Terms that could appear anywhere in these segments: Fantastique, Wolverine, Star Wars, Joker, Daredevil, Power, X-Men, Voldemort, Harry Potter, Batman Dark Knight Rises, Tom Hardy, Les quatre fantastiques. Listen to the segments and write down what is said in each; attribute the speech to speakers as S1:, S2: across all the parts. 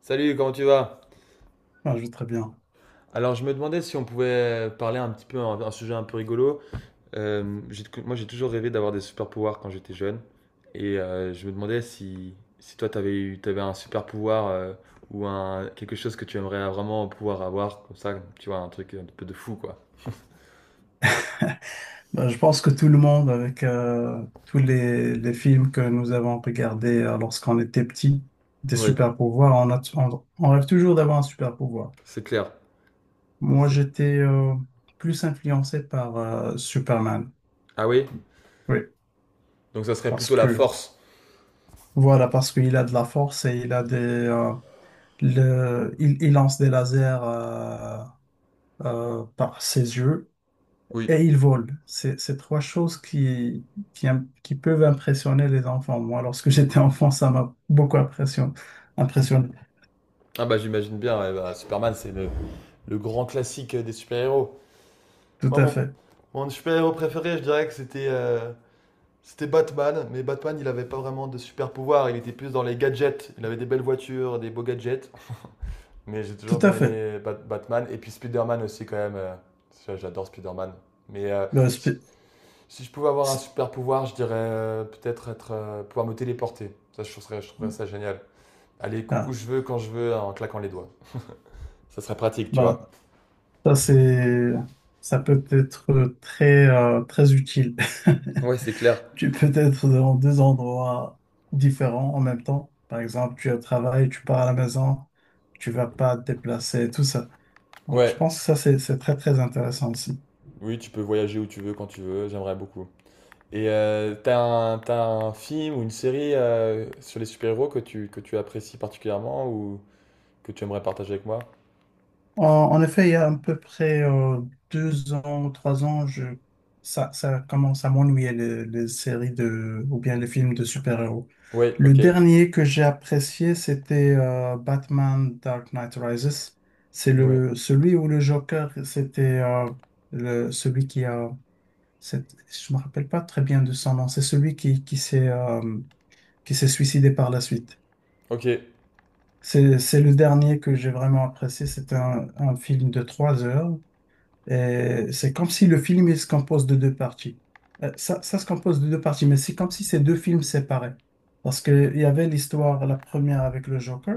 S1: Salut, comment tu vas?
S2: Ah, je vais très bien.
S1: Alors, je me demandais si on pouvait parler un petit peu, un sujet un peu rigolo. Moi, j'ai toujours rêvé d'avoir des super pouvoirs quand j'étais jeune. Et je me demandais si, si toi, t'avais un super pouvoir ou quelque chose que tu aimerais vraiment pouvoir avoir, comme ça, tu vois, un truc un peu de fou, quoi.
S2: Bah, je pense que tout le monde, avec tous les films que nous avons regardés lorsqu'on était petit, des
S1: Oui,
S2: super pouvoirs, on rêve toujours d'avoir un super pouvoir.
S1: c'est clair.
S2: Moi,
S1: C'est.
S2: j'étais plus influencé par Superman.
S1: Ah oui?
S2: Oui,
S1: Donc, ça serait
S2: parce
S1: plutôt la
S2: que
S1: force.
S2: voilà, parce qu'il a de la force et il a il lance des lasers par ses yeux.
S1: Oui.
S2: Et ils volent. C'est trois choses qui peuvent impressionner les enfants. Moi, lorsque j'étais enfant, ça m'a beaucoup impressionné.
S1: Ah bah, j'imagine bien, ouais, bah, Superman, c'est le grand classique des super-héros.
S2: Tout
S1: Moi,
S2: à
S1: mon,
S2: fait.
S1: mon super-héros préféré, je dirais que c'était Batman. Mais Batman, il avait pas vraiment de super-pouvoir. Il était plus dans les gadgets. Il avait des belles voitures, des beaux gadgets. Mais j'ai
S2: Tout
S1: toujours bien
S2: à fait.
S1: aimé Batman. Et puis Spider-Man aussi, quand même. Ça, j'adore Spider-Man. Mais
S2: Le
S1: si,
S2: spi-
S1: si je pouvais avoir un super-pouvoir, je dirais peut-être pouvoir me téléporter. Ça, je trouverais ça génial. Aller où
S2: ah,
S1: je veux, quand je veux, en claquant les doigts. Ça serait pratique, tu vois.
S2: bah, ça, c'est, ça peut être très utile.
S1: Ouais, c'est clair.
S2: Tu peux être dans deux endroits différents en même temps. Par exemple, tu es au travail, tu pars à la maison, tu vas pas te déplacer, tout ça. Donc, je
S1: Ouais,
S2: pense que ça, c'est très, très intéressant aussi.
S1: oui, tu peux voyager où tu veux, quand tu veux, j'aimerais beaucoup. Et t'as un film ou une série sur les super-héros que tu apprécies particulièrement ou que tu aimerais partager avec moi?
S2: En effet, il y a à peu près deux ans, trois ans, ça, ça commence à m'ennuyer les séries de, ou bien les films de super-héros.
S1: Oui,
S2: Le
S1: ok.
S2: dernier que j'ai apprécié, c'était Batman Dark Knight Rises. C'est
S1: Ouais.
S2: celui où le Joker, c'était celui je me rappelle pas très bien de son nom, c'est celui qui s'est suicidé par la suite.
S1: Ok.
S2: C'est le dernier que j'ai vraiment apprécié. C'est un film de trois heures c'est comme si le film il se compose de deux parties. Ça, ça se compose de deux parties, mais c'est comme si c'est deux films séparés. Parce qu'il y avait l'histoire, la première avec le Joker,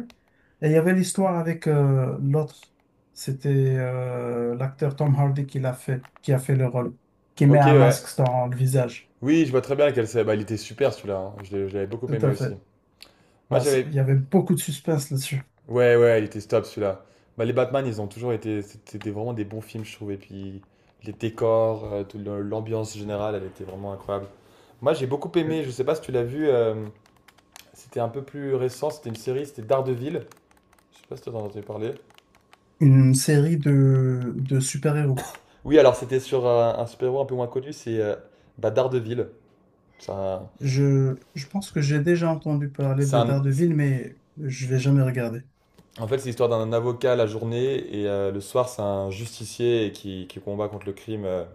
S2: et il y avait l'histoire avec l'autre. C'était l'acteur Tom Hardy qui l'a fait, qui a fait le rôle, qui met
S1: Ok,
S2: un
S1: ouais.
S2: masque dans le visage.
S1: Oui, je vois très bien lequel c'est. Bah, il était super celui-là, hein. Je l'avais beaucoup
S2: Tout
S1: aimé
S2: à fait.
S1: aussi. Moi,
S2: Parce-
S1: j'avais.
S2: il y avait beaucoup de suspense là-dessus.
S1: Ouais, ouais, il était top celui-là. Bah, les Batman, ils ont toujours été. C'était vraiment des bons films, je trouve. Et puis, les décors, l'ambiance générale, elle était vraiment incroyable. Moi, j'ai beaucoup
S2: Ouais.
S1: aimé. Je sais pas si tu l'as vu. C'était un peu plus récent. C'était une série. C'était Daredevil. Je sais pas si t'en as entendu parler.
S2: Une série de super-héros.
S1: Oui, alors c'était sur un super-héros un peu moins connu, c'est bah, Daredevil. C'est un-
S2: Je pense que j'ai déjà entendu parler
S1: c'est
S2: de
S1: un-
S2: Daredevil, mais je l'ai jamais regardé.
S1: en fait, c'est l'histoire d'un avocat la journée et le soir, c'est un justicier qui combat contre le crime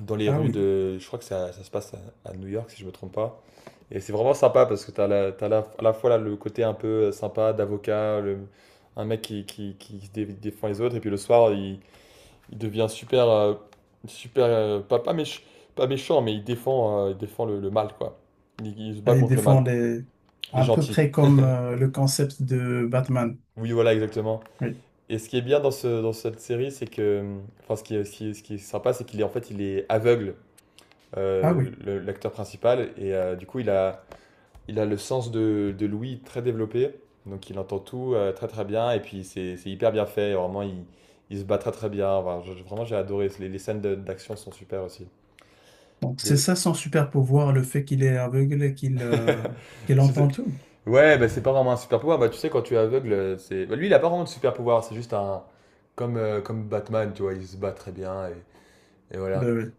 S1: dans les
S2: Ah
S1: rues
S2: oui.
S1: de. Je crois que ça se passe à New York, si je me trompe pas. Et c'est vraiment sympa parce que à la fois là, le côté un peu sympa d'avocat, un mec qui se défend les autres, et puis le soir, il devient super, pas, pas, pas méchant, mais il défend le mal, quoi. Il se bat
S2: Ah, ils
S1: contre le mal.
S2: défendent les...
S1: Il est
S2: à peu
S1: gentil.
S2: près comme le concept de Batman.
S1: Oui, voilà, exactement.
S2: Oui.
S1: Et ce qui est bien dans cette série, c'est que, enfin, ce qui est, ce qui est- ce qui est sympa, c'est qu'il est en fait, il est aveugle,
S2: Ah oui.
S1: l'acteur principal, et du coup, il a le sens de l'ouïe très développé, donc il entend tout très très bien, et puis c'est hyper bien fait, vraiment, il se bat très très bien. Enfin, vraiment, j'ai adoré. Les scènes d'action sont super aussi.
S2: Donc c'est
S1: Mais
S2: ça son super pouvoir, le fait qu'il est aveugle et qu'il
S1: je sais-.
S2: entend tout.
S1: Ouais, bah, c'est pas vraiment un super pouvoir. Bah, tu sais, quand tu es aveugle, c'est. Bah, lui, il a pas vraiment de super pouvoir. C'est juste un. Comme Batman, tu vois, il se bat très bien. Et voilà.
S2: Ben oui.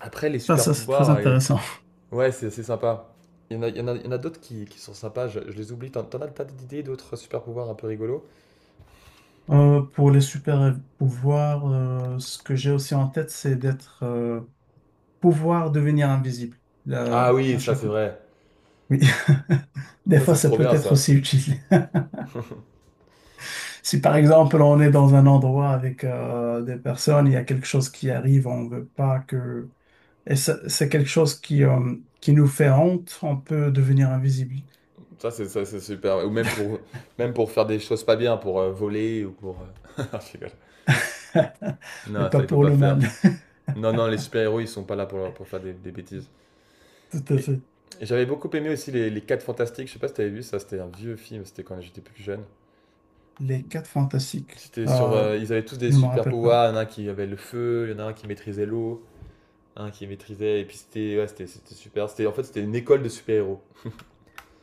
S1: Après, les
S2: Ah,
S1: super
S2: ça, c'est très
S1: pouvoirs,
S2: intéressant.
S1: ouais, c'est sympa. Il y en a, il y en a, il y en a d'autres qui sont sympas. Je les oublie. T'as d'idées d'autres super pouvoirs un peu rigolos?
S2: Pour les super pouvoirs, ce que j'ai aussi en tête, c'est d'être pouvoir devenir invisible
S1: Ah
S2: là, à
S1: oui, ça,
S2: chaque
S1: c'est
S2: moment.
S1: vrai.
S2: Oui. Des
S1: Ça,
S2: fois,
S1: c'est
S2: ça
S1: trop
S2: peut
S1: bien,
S2: être
S1: ça.
S2: aussi utile. Si par exemple on est dans un endroit avec des personnes, il y a quelque chose qui arrive, on ne veut pas que... Et ça- c'est quelque chose qui nous fait honte, on peut devenir invisible.
S1: Ça, c'est super. Ou même pour faire des choses pas bien, pour voler ou pour. Je rigole.
S2: Mais
S1: Non, ça,
S2: pas
S1: il faut
S2: pour
S1: pas
S2: le mal.
S1: faire. Non, non, les super-héros, ils sont pas là pour faire des bêtises.
S2: Tout à
S1: Et,
S2: fait.
S1: et j'avais beaucoup aimé aussi les 4 Fantastiques. Je sais pas si t'avais vu ça, c'était un vieux film, c'était quand j'étais plus jeune.
S2: Les quatre fantastiques.
S1: C'était sur.
S2: Euh,
S1: Ils avaient tous des
S2: je ne me
S1: super
S2: rappelle pas.
S1: pouvoirs. Il y en a un qui avait le feu, il y en a un qui maîtrisait l'eau, un qui maîtrisait. Et puis c'était ouais, c'était super. C'était, en fait, c'était une école de super-héros.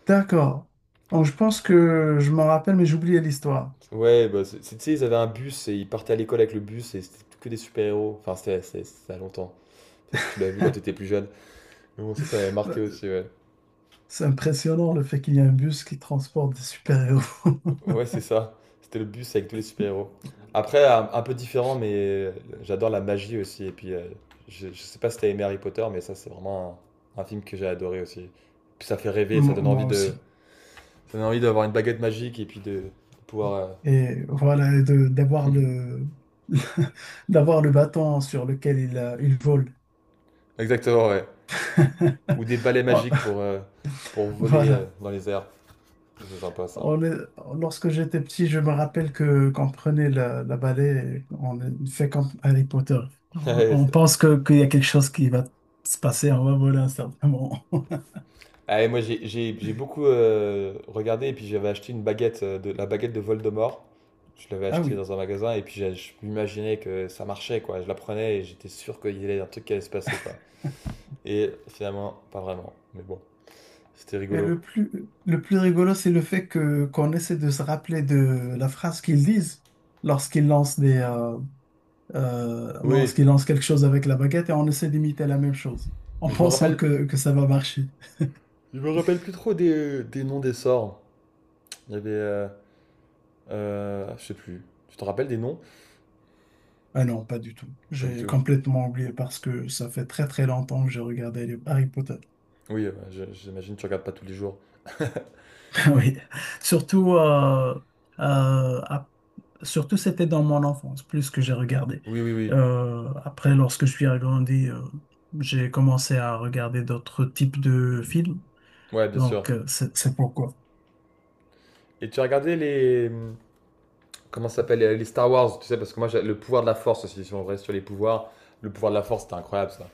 S2: D'accord. Donc je pense que je m'en rappelle, mais j'oubliais l'histoire.
S1: Ouais, bah, tu sais, ils avaient un bus et ils partaient à l'école avec le bus et c'était que des super-héros. Enfin, c'était ça a longtemps. Peut-être que tu l'as vu quand t'étais plus jeune. Mais bon, ça m'avait
S2: Bah,
S1: marqué aussi, ouais.
S2: c'est impressionnant le fait qu'il y a un bus qui transporte des super-héros.
S1: Ouais, c'est ça. C'était le bus avec tous les super-héros. Après, un peu différent, mais j'adore la magie aussi. Et puis, je sais pas si t'as aimé Harry Potter, mais ça, c'est vraiment un film que j'ai adoré aussi. Puis ça fait rêver, ça
S2: Moi
S1: donne
S2: moi
S1: envie de,
S2: aussi.
S1: ça donne envie d'avoir une baguette magique et puis de pouvoir.
S2: Et voilà, et de- d'avoir d'avoir le bâton sur lequel il vole.
S1: Exactement, ouais. Ou des balais
S2: Oh,
S1: magiques pour voler
S2: voilà.
S1: dans les airs. C'est sympa ça.
S2: On est- lorsque j'étais petit, je me rappelle que qu'on prenait la balai, et on fait comme Harry Potter. On pense que, qu'il y a quelque chose qui va se passer, on va voler à un certain moment.
S1: Ah, et moi j'ai beaucoup regardé et puis j'avais acheté une baguette, la baguette de Voldemort. Je l'avais
S2: Ah
S1: acheté
S2: oui.
S1: dans un magasin et puis je m'imaginais que ça marchait quoi. Je la prenais et j'étais sûr qu'il y avait un truc qui allait se passer quoi. Et finalement, pas vraiment. Mais bon, c'était
S2: Et
S1: rigolo.
S2: le plus rigolo, c'est le fait que qu'on essaie de se rappeler de la phrase qu'ils disent lorsqu'ils lancent
S1: Oui,
S2: lorsqu'il lance quelque chose avec la baguette et on essaie d'imiter la même chose en
S1: mais je me
S2: pensant
S1: rappelle,
S2: que ça va marcher.
S1: je me rappelle plus trop des noms des sorts. Il y avait, je sais plus. Tu te rappelles des noms?
S2: Ah non, pas du tout.
S1: Pas du
S2: J'ai
S1: tout.
S2: complètement oublié parce que ça fait très très longtemps que j'ai regardé les Harry Potter.
S1: Oui, j'imagine que tu regardes pas tous les jours.
S2: Oui, surtout, euh, ap- surtout c'était dans mon enfance plus que j'ai regardé.
S1: Oui, oui, oui.
S2: Après, lorsque je suis agrandi, j'ai commencé à regarder d'autres types de films.
S1: Ouais, bien sûr.
S2: Donc, c'est pourquoi.
S1: Et tu as regardé les, comment ça s'appelle Les Star Wars, tu sais, parce que moi, le pouvoir de la force aussi, si on reste sur les pouvoirs. Le pouvoir de la force, c'était incroyable ça.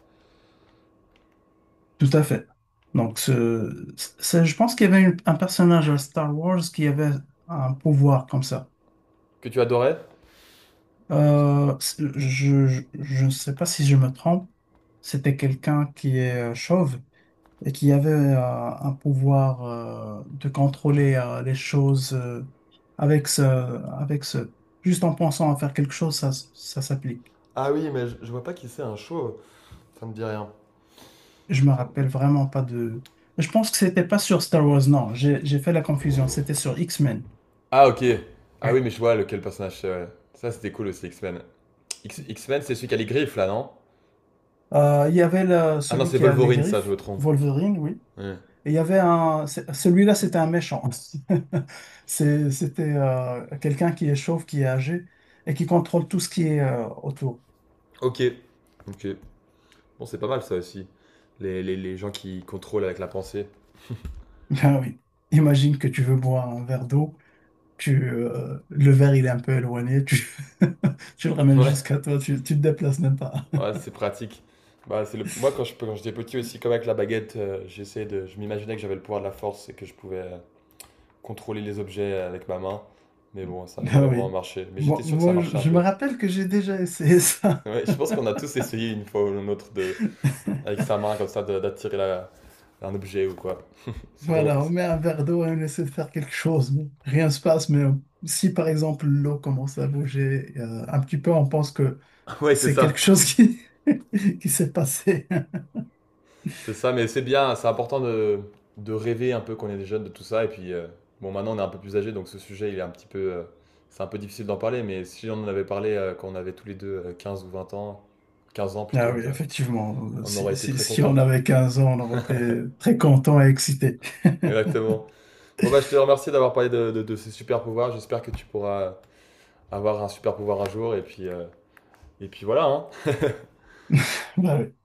S2: Tout à fait. Donc, je pense qu'il y avait une- un personnage à Star Wars qui avait un pouvoir comme ça.
S1: Que tu adorais.
S2: Je ne sais pas si je me trompe. C'était quelqu'un qui est chauve et qui avait un pouvoir de contrôler les choses avec ce, juste en pensant à faire quelque chose, ça s'applique.
S1: Ah oui, mais je vois pas qui c'est un show, ça me dit rien.
S2: Je me
S1: Ça
S2: rappelle
S1: me-.
S2: vraiment pas de. Je pense que c'était pas sur Star Wars, non. J'ai fait la confusion. C'était sur X-Men.
S1: Ah, ok. Ah oui, mais je vois lequel personnage c'est, ouais. Ça, c'était cool aussi, X-Men. X-
S2: Oui.
S1: X-Men, c'est celui qui a les griffes là, non.
S2: Il y avait le-
S1: Ah non,
S2: celui
S1: c'est
S2: qui a les
S1: Wolverine, ça, je me
S2: griffes,
S1: trompe.
S2: Wolverine, oui.
S1: Ouais.
S2: Et il y avait un. C'est- celui-là, c'était un méchant. C'est- c'était quelqu'un qui est chauve, qui est âgé et qui contrôle tout ce qui est autour.
S1: Ok. Ok. Bon, c'est pas mal ça aussi. Les gens qui contrôlent avec la pensée.
S2: Ben oui. Imagine que tu veux boire un verre d'eau, le verre il est un peu éloigné, tu le ramènes
S1: Ouais.
S2: jusqu'à toi, tu te déplaces même pas.
S1: Ouais, c'est pratique. Bah, c'est le. Moi, quand je, quand j'étais petit aussi, comme avec la baguette, j'essayais de. Je m'imaginais que j'avais le pouvoir de la force et que je pouvais contrôler les objets avec ma main. Mais bon, ça n'a
S2: Ben
S1: jamais vraiment
S2: oui.
S1: marché. Mais j'étais sûr que ça
S2: Je
S1: marchait un
S2: je me
S1: peu.
S2: rappelle que j'ai déjà essayé ça.
S1: Ouais, je pense qu'on a tous essayé une fois ou une autre de. Avec sa main comme ça d'attirer la. Un objet ou quoi. C'est drôle.
S2: Voilà, on met un verre d'eau et on essaie de faire quelque chose. Bon, rien ne se passe, mais si par exemple l'eau commence à bouger un petit peu, on pense que
S1: Ouais, c'est
S2: c'est quelque
S1: ça.
S2: chose qui, qui s'est passé.
S1: C'est ça, mais c'est bien, c'est important de rêver un peu quand on est jeune de tout ça. Et puis, bon, maintenant on est un peu plus âgé, donc ce sujet, il est un petit peu, c'est un peu difficile d'en parler. Mais si on en avait parlé quand on avait tous les deux 15 ou 20 ans, 15 ans plutôt,
S2: Ah
S1: on
S2: oui,
S1: dirait,
S2: effectivement,
S1: on aurait été très
S2: si on
S1: contents.
S2: avait 15 ans, on aurait été très content et excité.
S1: Exactement. Bon, bah, je te remercie d'avoir parlé de ces super pouvoirs. J'espère que tu pourras avoir un super pouvoir un jour. Et puis voilà, hein.
S2: Bah oui.